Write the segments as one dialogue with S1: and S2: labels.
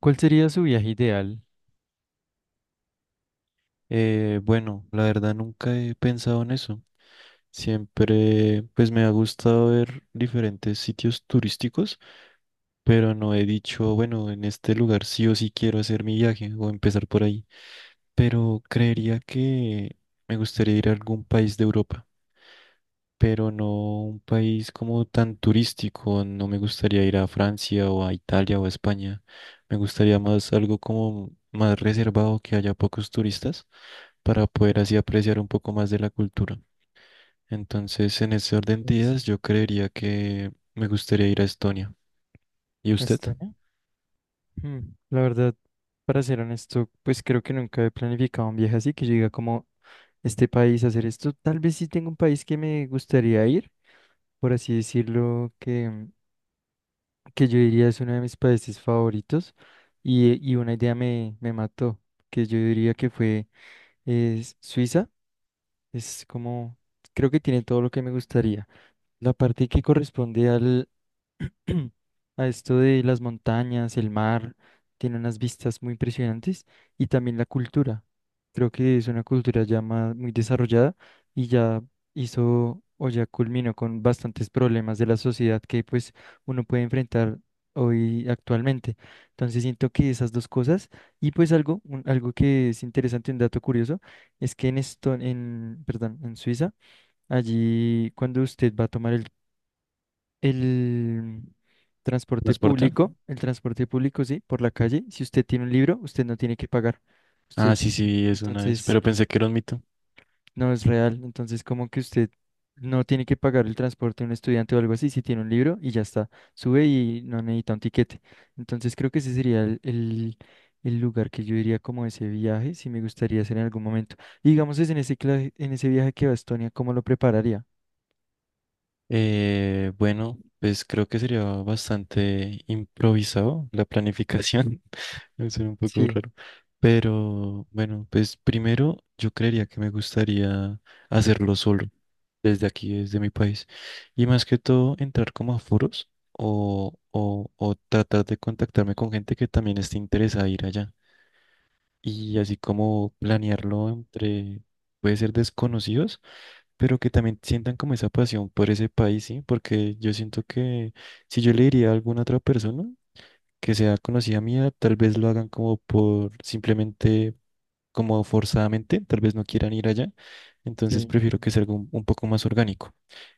S1: ¿Cuál sería su viaje ideal?
S2: Bueno, la verdad nunca he pensado en eso. Siempre, pues me ha gustado ver diferentes sitios turísticos, pero no he dicho, bueno, en este lugar sí o sí quiero hacer mi viaje o empezar por ahí. Pero creería que me gustaría ir a algún país de Europa, pero no un país como tan turístico. No me gustaría ir a Francia o a Italia o a España. Me gustaría más algo como más reservado, que haya pocos turistas, para poder así apreciar un poco más de la cultura. Entonces, en ese orden de
S1: Sí.
S2: ideas, yo creería que me gustaría ir a Estonia. ¿Y
S1: ¿A
S2: usted?
S1: Estonia? Hmm, La verdad, para ser honesto, pues creo que nunca he planificado un viaje así, que yo diga como este país a hacer esto. Tal vez sí tengo un país que me gustaría ir, por así decirlo, que yo diría es uno de mis países favoritos. Y una idea me mató, que yo diría que fue es Suiza. Es como, creo que tiene todo lo que me gustaría. La parte que corresponde a esto de las montañas, el mar, tiene unas vistas muy impresionantes y también la cultura. Creo que es una cultura ya muy desarrollada y ya hizo o ya culminó con bastantes problemas de la sociedad que pues uno puede enfrentar hoy actualmente. Entonces siento que esas dos cosas y pues algo, algo que es interesante, un dato curioso, es que perdón, en Suiza, allí cuando usted va a tomar el transporte
S2: ¿Transporte?
S1: público, el transporte público, sí, por la calle. Si usted tiene un libro, usted no tiene que pagar.
S2: Ah,
S1: Usted,
S2: sí, sí, es una vez,
S1: entonces,
S2: pero pensé que era un mito.
S1: no es real. Entonces, como que usted no tiene que pagar el transporte de un estudiante o algo así, si tiene un libro y ya está. Sube y no necesita un tiquete. Entonces, creo que ese sería el lugar que yo diría como ese viaje, si me gustaría hacer en algún momento. Y digamos, es en ese, cla- en ese viaje que va a Estonia, ¿cómo lo prepararía?
S2: Bueno, pues creo que sería bastante improvisado la planificación. Es un poco
S1: Sí,
S2: raro. Pero bueno, pues primero yo creería que me gustaría hacerlo solo, desde aquí, desde mi país. Y más que todo, entrar como a foros o tratar de contactarme con gente que también esté interesada en ir allá. Y así como planearlo entre, puede ser desconocidos, pero que también sientan como esa pasión por ese país, ¿sí? Porque yo siento que si yo le diría a alguna otra persona, que sea conocida mía, tal vez lo hagan como por simplemente, como forzadamente, tal vez no quieran ir allá, entonces
S1: sí.
S2: prefiero que sea algo un poco más orgánico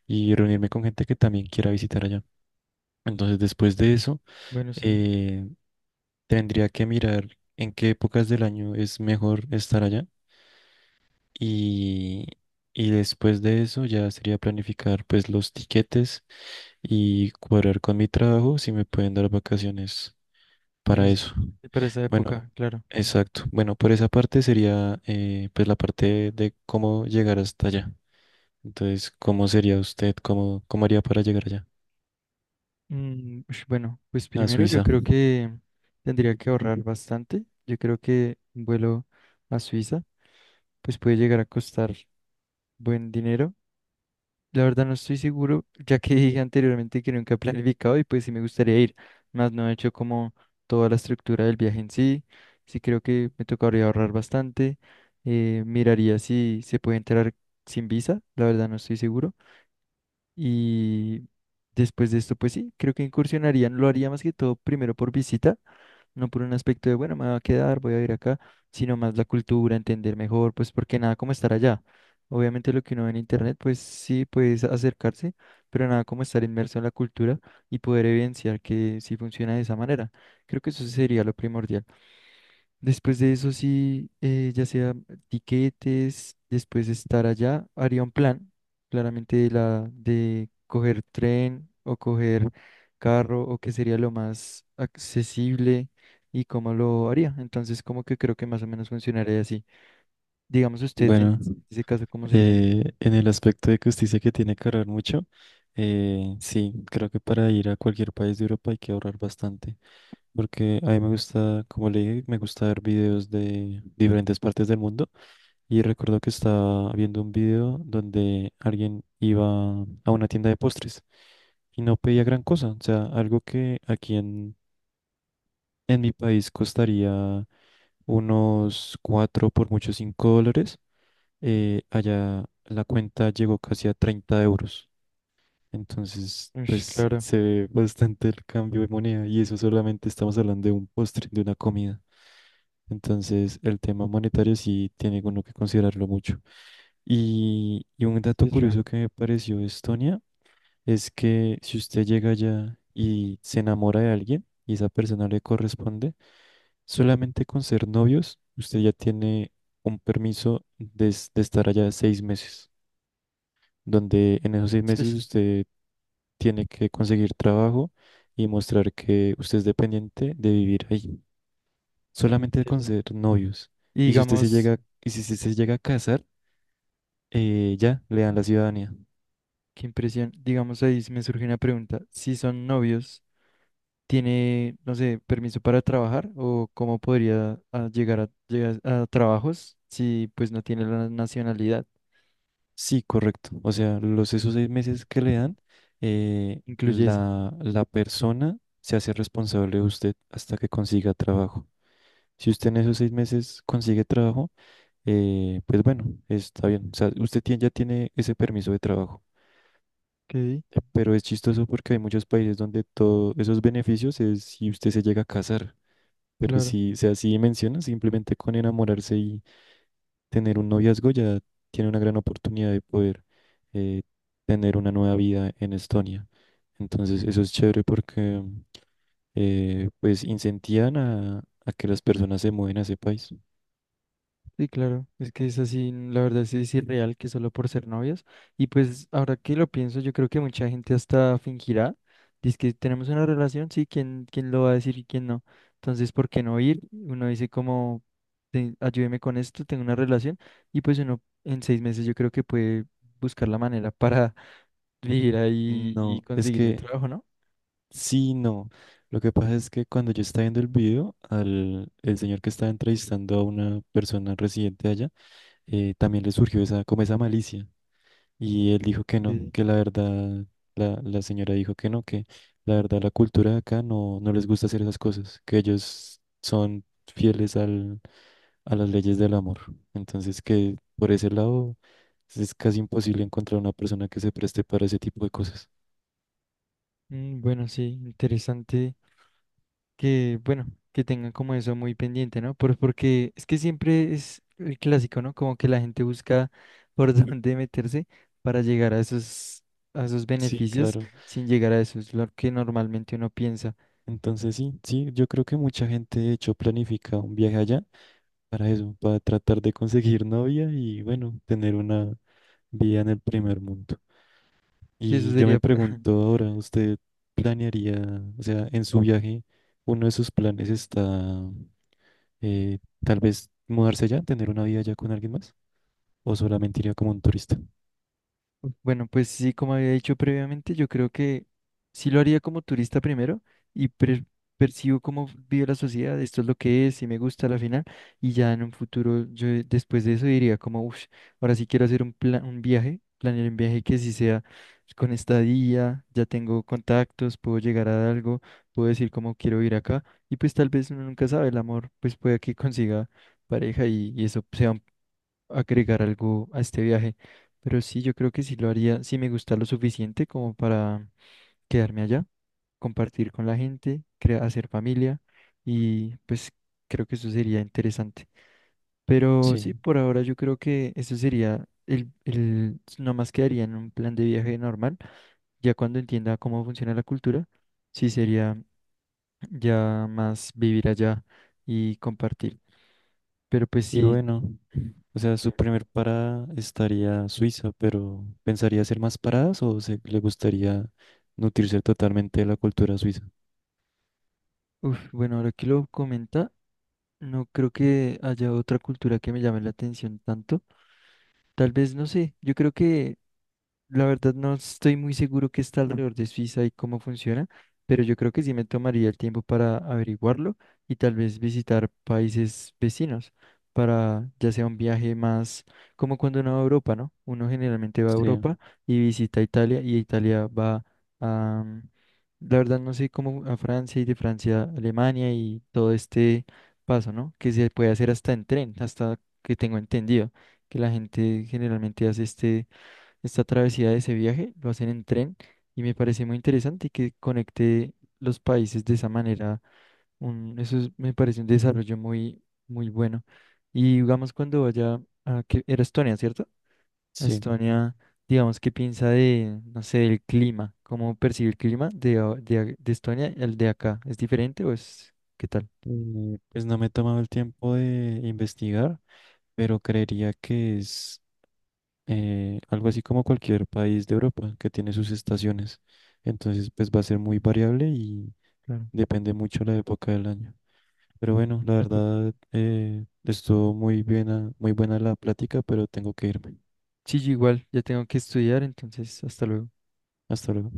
S2: y reunirme con gente que también quiera visitar allá. Entonces, después de eso,
S1: Bueno, sí.
S2: eh, tendría que mirar en qué épocas del año es mejor estar allá y, y después de eso ya sería planificar pues los tiquetes y cuadrar con mi trabajo si me pueden dar vacaciones
S1: En
S2: para
S1: ese-
S2: eso.
S1: para esa
S2: Bueno,
S1: época, claro.
S2: exacto. Bueno, por esa parte sería pues la parte de cómo llegar hasta allá. Entonces, ¿cómo sería usted? ¿Cómo, cómo haría para llegar allá?
S1: Ush, bueno, pues
S2: A
S1: primero yo
S2: Suiza.
S1: creo que tendría que ahorrar bastante. Yo creo que un vuelo a Suiza pues puede llegar a costar buen dinero. La verdad no estoy seguro, ya que dije anteriormente que nunca he planificado y pues sí me gustaría ir, más no he hecho como toda la estructura del viaje en sí. Sí creo que me tocaría ahorrar bastante. Miraría si se puede entrar sin visa, la verdad no estoy seguro. Y después de esto, pues sí, creo que incursionarían, lo haría más que todo primero por visita, no por un aspecto de, bueno, me voy a quedar, voy a ir acá, sino más la cultura, entender mejor, pues porque nada como estar allá. Obviamente lo que uno ve en internet, pues sí, puedes acercarse, pero nada como estar inmerso en la cultura y poder evidenciar que sí funciona de esa manera. Creo que eso sería lo primordial. Después de eso, sí, ya sea tiquetes, después de estar allá, haría un plan, claramente de coger tren o coger carro o qué sería lo más accesible y cómo lo haría. Entonces, como que creo que más o menos funcionaría así. Digamos usted, en
S2: Bueno,
S1: ese caso, ¿cómo sería?
S2: eh, en el aspecto de que usted dice que tiene que ahorrar mucho, sí, creo que para ir a cualquier país de Europa hay que ahorrar bastante. Porque a mí me gusta, como le dije, me gusta ver videos de diferentes partes del mundo. Y recuerdo que estaba viendo un video donde alguien iba a una tienda de postres y no pedía gran cosa. O sea, algo que aquí en mi país costaría unos cuatro, por mucho $5. Allá la cuenta llegó casi a 30 euros. Entonces,
S1: Ush,
S2: pues
S1: claro,
S2: se ve bastante el cambio de moneda y eso solamente estamos hablando de un postre, de una comida. Entonces, el tema monetario sí tiene uno que considerarlo mucho. Y un dato
S1: es
S2: curioso
S1: raro.
S2: que me pareció de Estonia es que si usted llega allá y se enamora de alguien y esa persona le corresponde, solamente con ser novios, usted ya tiene un permiso de, es- de estar allá 6 meses, donde en esos 6 meses usted tiene que conseguir trabajo y mostrar que usted es dependiente de vivir ahí,
S1: Es
S2: solamente con
S1: interesante.
S2: ser novios.
S1: Y
S2: Y si usted se
S1: digamos,
S2: llega, y si se llega a casar, ya le dan la ciudadanía.
S1: qué impresión, digamos ahí sí me surge una pregunta. Si son novios, tiene, no sé, permiso para trabajar o cómo podría llegar a trabajos si pues no tiene la nacionalidad.
S2: Sí, correcto. O sea, los esos 6 meses que le dan,
S1: Incluye eso.
S2: la persona se hace responsable de usted hasta que consiga trabajo. Si usted en esos seis meses consigue trabajo, pues bueno, está bien. O sea, usted tiene- ya tiene ese permiso de trabajo.
S1: Ok,
S2: Pero es chistoso porque hay muchos países donde todos esos beneficios es si usted se llega a casar. Pero
S1: claro.
S2: si, o sea, así menciona, simplemente con enamorarse y tener un noviazgo ya tiene una gran oportunidad de poder eh, tener una nueva vida en Estonia. Entonces, eso es chévere porque pues incentivan a que las personas se mueven a ese país.
S1: Sí, claro. Es que es así, la verdad sí es irreal que solo por ser novios. Y pues ahora que lo pienso, yo creo que mucha gente hasta fingirá. Dice que tenemos una relación, sí, ¿quién lo va a decir y quién no? Entonces, ¿por qué no ir? Uno dice como, Ayúdeme con esto, tengo una relación. Y pues uno en seis meses yo creo que puede buscar la manera para ir ahí y
S2: No, es
S1: conseguir el
S2: que
S1: trabajo, ¿no?
S2: sí, no. Lo que pasa es que cuando yo estaba viendo el video, al el señor que estaba entrevistando a una persona residente allá, también le surgió esa, como esa malicia. Y él dijo que no,
S1: Sí.
S2: que la verdad, la señora dijo que no, que la verdad la cultura de acá no, no les gusta hacer esas cosas, que ellos son fieles al, a las leyes del amor. Entonces que por ese lado es casi imposible encontrar una persona que se preste para ese tipo de cosas.
S1: Bueno, sí, interesante que, bueno, que tengan como eso muy pendiente, ¿no? Porque es que siempre es el clásico, ¿no? Como que la gente busca por, ujú, dónde meterse para llegar a esos
S2: Sí,
S1: beneficios
S2: claro.
S1: sin llegar a eso, es lo que normalmente uno piensa, ¿no?
S2: Entonces sí, sí, yo creo que mucha gente de hecho planifica un viaje allá para eso, para tratar de conseguir novia y bueno, tener una vida en el primer mundo.
S1: Que eso
S2: Y yo me
S1: sería
S2: pregunto ahora, ¿usted planearía, o sea, en su viaje, uno de sus planes está eh, tal vez mudarse allá, tener una vida allá con alguien más? ¿O solamente iría como un turista?
S1: Bueno, pues sí, como había dicho previamente, yo creo que sí lo haría como turista primero y percibo cómo vive la sociedad, esto es lo que es, si me gusta a la final, y ya en un futuro, yo después de eso diría como, uff, ahora sí quiero hacer un plan, un viaje, planear un viaje que sí sea con estadía, ya tengo contactos, puedo llegar a algo, puedo decir cómo quiero ir acá, y pues tal vez uno nunca sabe, el amor, pues puede que consiga pareja y eso sea agregar algo a este viaje. Pero sí, yo creo que sí lo haría, si me gusta lo suficiente como para quedarme allá, compartir con la gente, hacer familia y pues creo que eso sería interesante. Pero sí,
S2: Sí.
S1: por ahora yo creo que eso sería nomás quedaría en un plan de viaje normal. Ya cuando entienda cómo funciona la cultura, sí sería ya más vivir allá y compartir. Pero pues
S2: Y
S1: sí.
S2: bueno. O sea, su
S1: que-
S2: primer parada estaría Suiza, pero ¿pensaría hacer más paradas o se, le gustaría nutrirse totalmente de la cultura suiza?
S1: Uf, bueno, ahora que lo comenta, no creo que haya otra cultura que me llame la atención tanto. Tal vez, no sé, yo creo que la verdad no estoy muy seguro qué está alrededor de Suiza y cómo funciona, pero yo creo que sí me tomaría el tiempo para averiguarlo y tal vez visitar países vecinos para ya sea un viaje más como cuando uno va a Europa, ¿no? Uno generalmente va a
S2: Sí,
S1: Europa y visita Italia y Italia va a la verdad no sé cómo a Francia y de Francia a Alemania y todo este paso, ¿no? Que se puede hacer hasta en tren, hasta que tengo entendido, que la gente generalmente hace esta travesía de ese viaje, lo hacen en tren y me parece muy interesante que conecte los países de esa manera. Me parece un desarrollo muy, muy bueno. Y digamos cuando vaya a que era Estonia, ¿cierto?
S2: sí.
S1: Estonia, digamos, ¿qué piensa de, no sé, del clima? ¿Cómo percibe el clima de Estonia y el de acá? ¿Es diferente o es qué tal?
S2: Pues no me he tomado el tiempo de investigar, pero creería que es algo así como cualquier país de Europa que tiene sus estaciones. Entonces, pues va a ser
S1: Mm,
S2: muy variable y
S1: claro.
S2: depende mucho la época del año. Pero bueno, la
S1: Tampoco-
S2: verdad, estuvo muy bien, muy buena la plática, pero tengo que irme.
S1: Sí, yo igual, ya tengo que estudiar, entonces, hasta luego.
S2: Hasta luego.